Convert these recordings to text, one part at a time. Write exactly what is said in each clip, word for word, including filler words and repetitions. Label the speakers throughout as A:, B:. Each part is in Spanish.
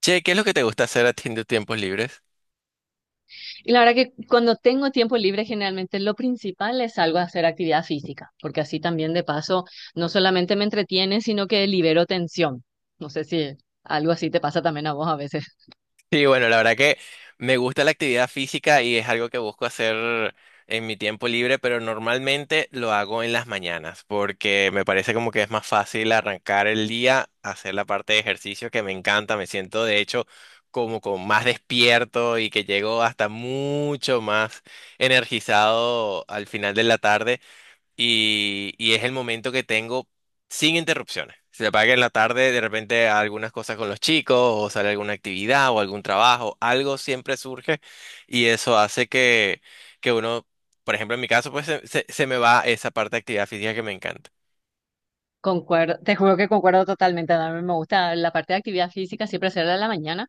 A: Che, ¿qué es lo que te gusta hacer a ti en tus tiempos libres?
B: Y la verdad que cuando tengo tiempo libre, generalmente lo principal es algo a hacer actividad física, porque así también de paso no solamente me entretiene, sino que libero tensión. No sé si algo así te pasa también a vos a veces.
A: Sí, bueno, la verdad que me gusta la actividad física y es algo que busco hacer en mi tiempo libre, pero normalmente lo hago en las mañanas porque me parece como que es más fácil arrancar el día, hacer la parte de ejercicio que me encanta. Me siento de hecho como con más despierto y que llego hasta mucho más energizado al final de la tarde. y, y es el momento que tengo sin interrupciones. Se apaga que en la tarde, de repente algunas cosas con los chicos, o sale alguna actividad o algún trabajo, algo siempre surge y eso hace que, que uno, por ejemplo, en mi caso, pues se, se- se me va esa parte de actividad física que me encanta.
B: Concuerdo, te juro que concuerdo totalmente. A mí me gusta la parte de actividad física siempre hacerla a la mañana,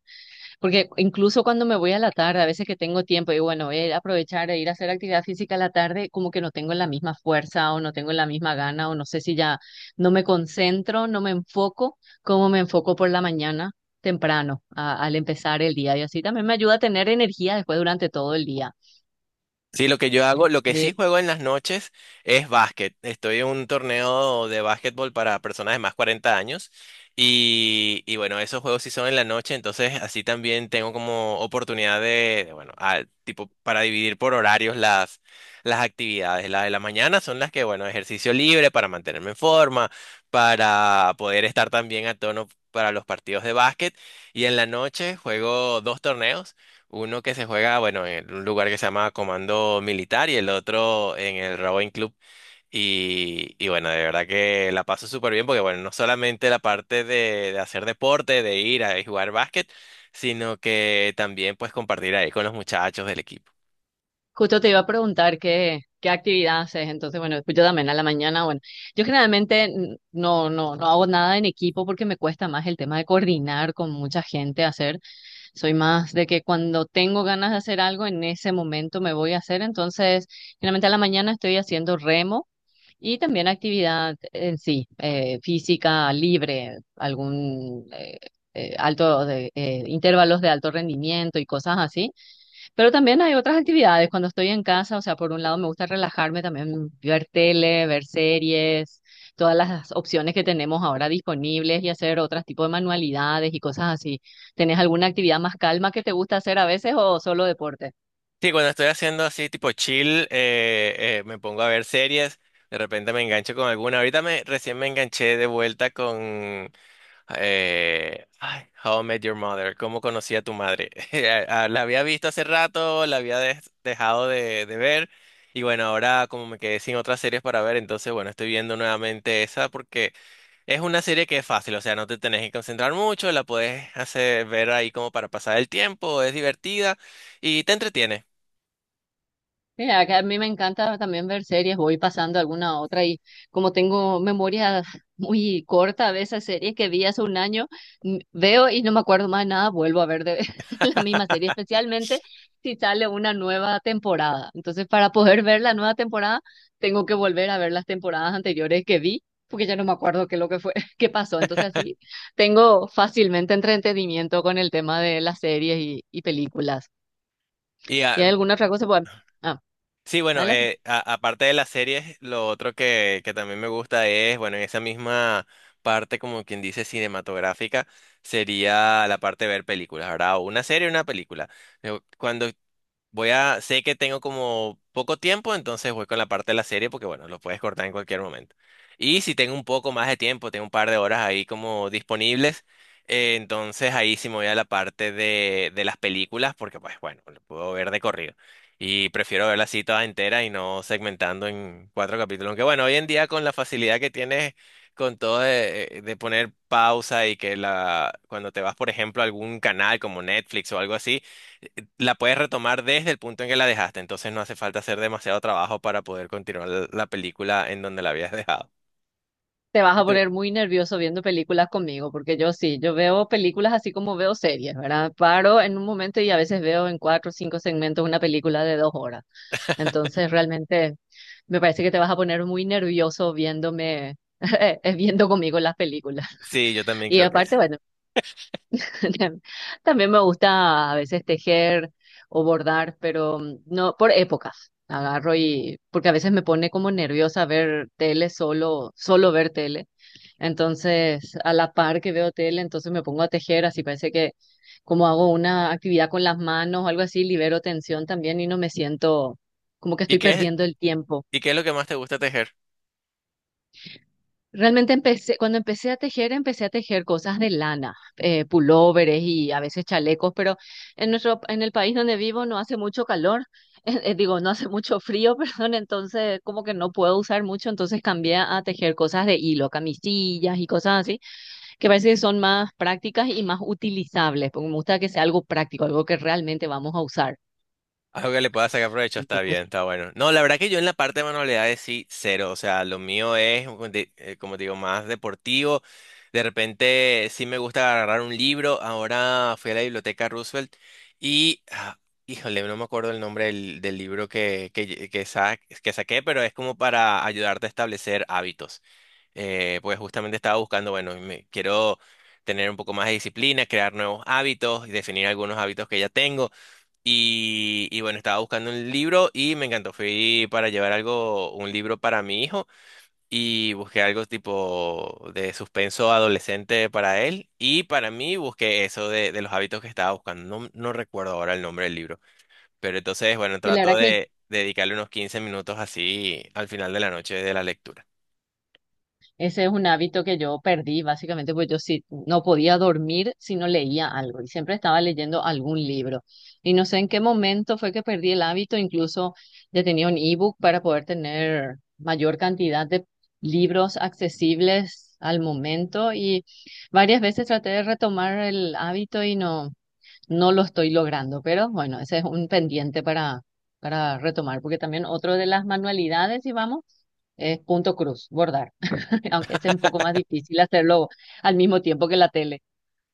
B: porque incluso cuando me voy a la tarde, a veces que tengo tiempo, y bueno, voy a ir a aprovechar e ir a hacer actividad física a la tarde, como que no tengo la misma fuerza o no tengo la misma gana o no sé si ya no me concentro, no me enfoco como me enfoco por la mañana temprano a- al empezar el día. Y así también me ayuda a tener energía después durante todo el día.
A: Sí, lo que yo hago, lo que
B: Y
A: sí juego en las noches es básquet. Estoy en un torneo de básquetbol para personas de más cuarenta años y, y bueno, esos juegos sí son en la noche, entonces así también tengo como oportunidad de, de, bueno, ah, tipo para dividir por horarios las, las actividades. Las de la mañana son las que, bueno, ejercicio libre para mantenerme en forma, para poder estar también a tono para los partidos de básquet y en la noche juego dos torneos. Uno que se juega, bueno, en un lugar que se llama Comando Militar y el otro en el Rowing Club. Y, y bueno, de verdad que la paso súper bien porque, bueno, no solamente la parte de, de hacer deporte, de ir a jugar básquet, sino que también pues compartir ahí con los muchachos del equipo.
B: justo te iba a preguntar qué, qué actividad haces. Entonces, bueno, yo también a la mañana, bueno, yo generalmente n- no, no, no hago nada en equipo porque me cuesta más el tema de coordinar con mucha gente, hacer. Soy más de que cuando tengo ganas de hacer algo, en ese momento me voy a hacer. Entonces, generalmente a la mañana estoy haciendo remo y también actividad en sí, eh, física libre, algún eh, eh, alto de, eh, intervalos de alto rendimiento y cosas así. Pero también hay otras actividades cuando estoy en casa, o sea, por un lado me gusta relajarme, también ver tele, ver series, todas las opciones que tenemos ahora disponibles y hacer otros tipos de manualidades y cosas así. ¿Tenés alguna actividad más calma que te gusta hacer a veces o solo deporte?
A: Sí, cuando estoy haciendo así tipo chill, eh, eh, me pongo a ver series, de repente me engancho con alguna. Ahorita me, recién me enganché de vuelta con... Eh, ay, How I Met Your Mother, ¿cómo conocí a tu madre? Eh, Ah, La había visto hace rato, la había des- dejado de, de ver y bueno, ahora como me quedé sin otras series para ver, entonces bueno, estoy viendo nuevamente esa porque es una serie que es fácil, o sea, no te tenés que concentrar mucho, la puedes hacer ver ahí como para pasar el tiempo, es divertida y te entretiene.
B: Mira, que a mí me encanta también ver series, voy pasando alguna a otra y como tengo memoria muy corta de esas series que vi hace un año, m- veo y no me acuerdo más de nada, vuelvo a ver de la misma serie, especialmente si sale una nueva temporada. Entonces, para poder ver la nueva temporada, tengo que volver a ver las temporadas anteriores que vi, porque ya no me acuerdo qué es lo que fue, qué pasó. Entonces, así tengo fácilmente entretenimiento con el tema de las series y, y películas. ¿Y hay alguna otra cosa? Bueno, ah,
A: Sí, bueno,
B: adelante.
A: eh, a- aparte de las series, lo otro que, que también me gusta es, bueno, en esa misma parte, como quien dice, cinematográfica, sería la parte de ver películas, ¿verdad? O una serie o una película. Yo, Cuando Voy a, Sé que tengo como poco tiempo, entonces voy con la parte de la serie porque bueno, lo puedes cortar en cualquier momento. Y si tengo un poco más de tiempo, tengo un par de horas ahí como disponibles, eh, entonces ahí sí me voy a la parte de, de las películas porque pues bueno, lo puedo ver de corrido. Y prefiero verla así toda entera y no segmentando en cuatro capítulos. Aunque bueno, hoy en día con la facilidad que tienes con todo de, de poner pausa y que la, cuando te vas, por ejemplo, a algún canal como Netflix o algo así, la puedes retomar desde el punto en que la dejaste, entonces no hace falta hacer demasiado trabajo para poder continuar la la película en donde la habías dejado.
B: Te vas
A: ¿Y
B: a
A: tú?
B: poner muy nervioso viendo películas conmigo, porque yo sí, yo veo películas así como veo series, ¿verdad? Paro en un momento y a veces veo en cuatro o cinco segmentos una película de dos horas. Entonces, realmente me parece que te vas a poner muy nervioso viéndome, eh, viendo conmigo las películas.
A: Sí, yo también
B: Y
A: creo que sí.
B: aparte, bueno, también me gusta a veces tejer o bordar, pero mm, no por épocas. Agarro y porque a veces me pone como nerviosa ver tele solo, solo ver tele. Entonces, a la par que veo tele, entonces me pongo a tejer, así parece que como hago una actividad con las manos o algo así, libero tensión también y no me siento como que
A: ¿Y
B: estoy
A: qué es,
B: perdiendo el tiempo.
A: y qué es lo que más te gusta tejer?
B: Realmente empecé, cuando empecé a tejer, empecé a tejer cosas de lana, eh, pulóveres y a veces chalecos, pero en nuestro, en el país donde vivo no hace mucho calor, eh, eh, digo, no hace mucho frío, perdón, entonces como que no puedo usar mucho, entonces cambié a tejer cosas de hilo, camisillas y cosas así, que parece que son más prácticas y más utilizables, porque me gusta que sea algo práctico, algo que realmente vamos a usar.
A: Algo que le pueda sacar provecho está bien,
B: Entonces,
A: está bueno. No, la verdad que yo en la parte de manualidades sí, cero. O sea, lo mío es, como te eh, como te digo, más deportivo. De repente sí me gusta agarrar un libro. Ahora fui a la biblioteca Roosevelt y, ah, híjole, no me acuerdo el nombre del, del libro que, que, lle- que, sa- que saqué, pero es como para ayudarte a establecer hábitos. Eh, pues justamente estaba buscando, bueno, me, quiero tener un poco más de disciplina, crear nuevos hábitos y definir algunos hábitos que ya tengo. Y, y bueno, estaba buscando un libro y me encantó. Fui para llevar algo, un libro para mi hijo y busqué algo tipo de suspenso adolescente para él y para mí busqué eso de, de los hábitos que estaba buscando. No, no recuerdo ahora el nombre del libro, pero entonces, bueno,
B: sí, la
A: trato
B: verdad que
A: de dedicarle unos quince minutos así al final de la noche de la lectura.
B: ese es un hábito que yo perdí, básicamente, porque yo sí no podía dormir si no leía algo y siempre estaba leyendo algún libro. Y no sé en qué momento fue que perdí el hábito, incluso ya tenía un ebook para poder tener mayor cantidad de libros accesibles al momento y varias veces traté de retomar el hábito y no, no lo estoy logrando, pero bueno, ese es un pendiente para, para retomar, porque también otro de las manualidades, si vamos, es punto cruz, bordar. Aunque es un poco más difícil hacerlo al mismo tiempo que la tele.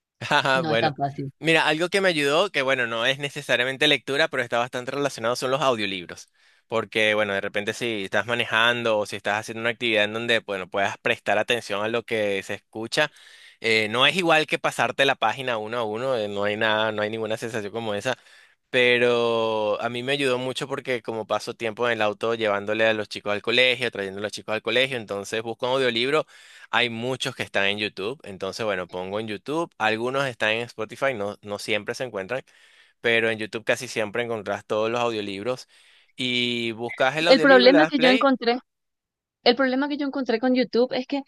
A: Ajá.
B: No es
A: Bueno,
B: tan fácil.
A: mira, algo que me ayudó, que bueno, no es necesariamente lectura, pero está bastante relacionado, son los audiolibros. Porque, bueno, de repente si estás manejando o si estás haciendo una actividad en donde, bueno, puedas prestar atención a lo que se escucha, eh, no es igual que pasarte la página uno a uno, eh, no hay nada, no hay ninguna sensación como esa. Pero a mí me ayudó mucho porque como paso tiempo en el auto llevándole a los chicos al colegio, trayendo a los chicos al colegio, entonces busco un audiolibro. Hay muchos que están en YouTube, entonces bueno, pongo en YouTube, algunos están en Spotify, no, no siempre se encuentran, pero en YouTube casi siempre encontrás todos los audiolibros y buscas el
B: El
A: audiolibro, le
B: problema
A: das
B: que yo
A: play.
B: encontré El problema que yo encontré con YouTube es que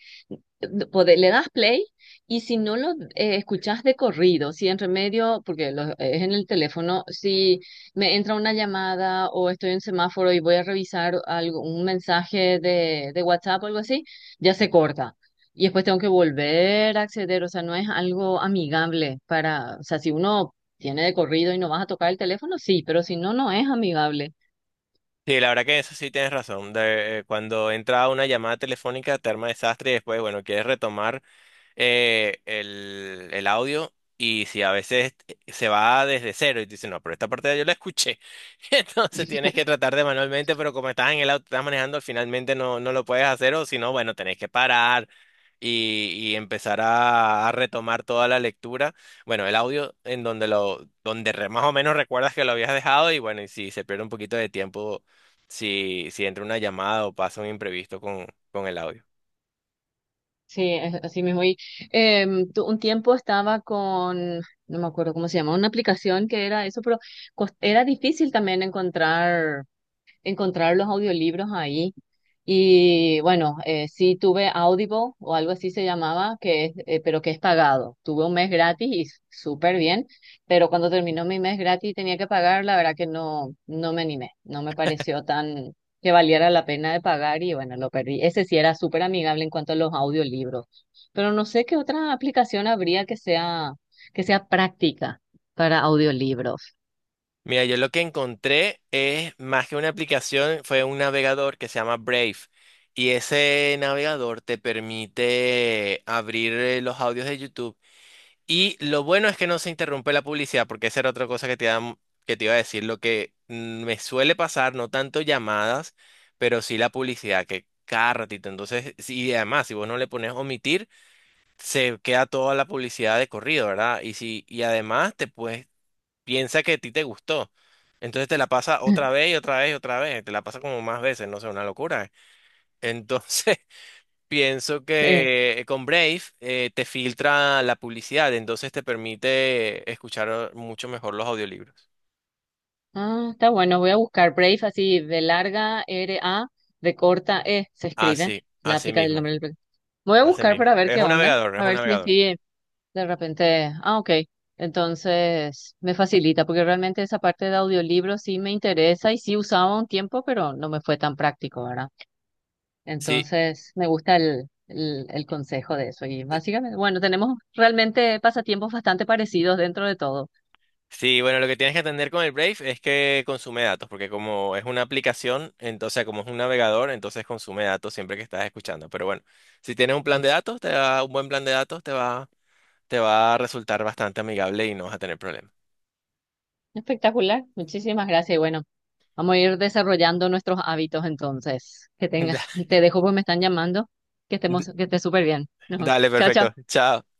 B: pode- le das play y si no lo eh, escuchas de corrido, si en remedio, porque lo- es en el teléfono, si me entra una llamada o estoy en semáforo y voy a revisar algo, un mensaje de, de WhatsApp o algo así, ya se corta. Y después tengo que volver a acceder, o sea, no es algo amigable para, o sea, si uno tiene de corrido y no vas a tocar el teléfono, sí, pero si no, no es amigable.
A: Sí, la verdad que eso sí tienes razón. De- eh, cuando entra una llamada telefónica te arma desastre y después, bueno, quieres retomar eh, el, el audio y si a veces se va desde cero y te dicen, no, pero esta parte yo la escuché. Entonces tienes que tratar de manualmente, pero como estás en el auto, estás manejando, finalmente no, no lo puedes hacer o si no, bueno, tenés que parar y, y empezar a, a retomar toda la lectura. Bueno, el audio en donde lo, donde re- más o menos recuerdas que lo habías dejado y bueno, y si se pierde un poquito de tiempo, si, si entra una llamada o pasa un imprevisto con, con el audio.
B: Sí, es así mismo. Y em, tu- un tiempo estaba con, no me acuerdo cómo se llama, una aplicación que era eso, pero cos- era difícil también encontrar encontrar los audiolibros ahí. Y bueno, eh, sí tuve Audible o algo así se llamaba, que es, eh, pero que es pagado. Tuve un mes gratis y s- súper bien, pero cuando terminó mi mes gratis y tenía que pagar, la verdad que no, no me animé, no me pareció tan que valiera la pena de pagar y bueno, lo perdí. Ese sí era súper amigable en cuanto a los audiolibros, pero no sé qué otra aplicación habría que sea, que sea práctica para audiolibros.
A: Mira, yo lo que encontré es más que una aplicación, fue un navegador que se llama Brave. Y ese navegador te permite abrir eh, los audios de YouTube. Y lo bueno es que no se interrumpe la publicidad, porque esa era otra cosa que te iba, que te iba a decir. Lo que mm, me suele pasar, no tanto llamadas, pero sí la publicidad, que cada ratito. Entonces, sí, y además, si vos no le pones omitir, se queda toda la publicidad de corrido, ¿verdad? Y si, y además te puedes piensa que a ti te gustó. Entonces te la pasa otra vez y otra vez y otra vez. Te la pasa como más veces, no sé, una locura. Entonces pienso que eh, con Brave eh, te filtra la publicidad, entonces te permite escuchar eh, mucho mejor los audiolibros.
B: Ah, está bueno, voy a buscar Brave, así de larga R A, de corta E, se escribe,
A: Así,
B: la
A: así
B: aplica del
A: mismo,
B: nombre del proyecto. Voy a
A: así
B: buscar para
A: mismo.
B: ver
A: Es
B: qué
A: un
B: onda,
A: navegador, es
B: a
A: un
B: ver si
A: navegador.
B: así de repente. Ah, ok, entonces me facilita, porque realmente esa parte de audiolibro sí me interesa y sí usaba un tiempo, pero no me fue tan práctico, ¿verdad?
A: Sí.
B: Entonces me gusta el, el, el consejo de eso y básicamente, bueno, tenemos realmente pasatiempos bastante parecidos dentro de todo.
A: Sí, bueno, lo que tienes que atender con el Brave es que consume datos, porque como es una aplicación, entonces como es un navegador, entonces consume datos siempre que estás escuchando. Pero bueno, si tienes un plan
B: Mm.
A: de datos, te va, un buen plan de datos te va, te va a resultar bastante amigable y no vas a tener problemas.
B: Espectacular, muchísimas gracias y bueno. Vamos a ir desarrollando nuestros hábitos entonces. Que tengas, te dejo porque me están llamando. Que
A: Da-
B: estemos, que estés súper bien. Ajá.
A: Dale,
B: Chao,
A: perfecto.
B: chao.
A: Chao.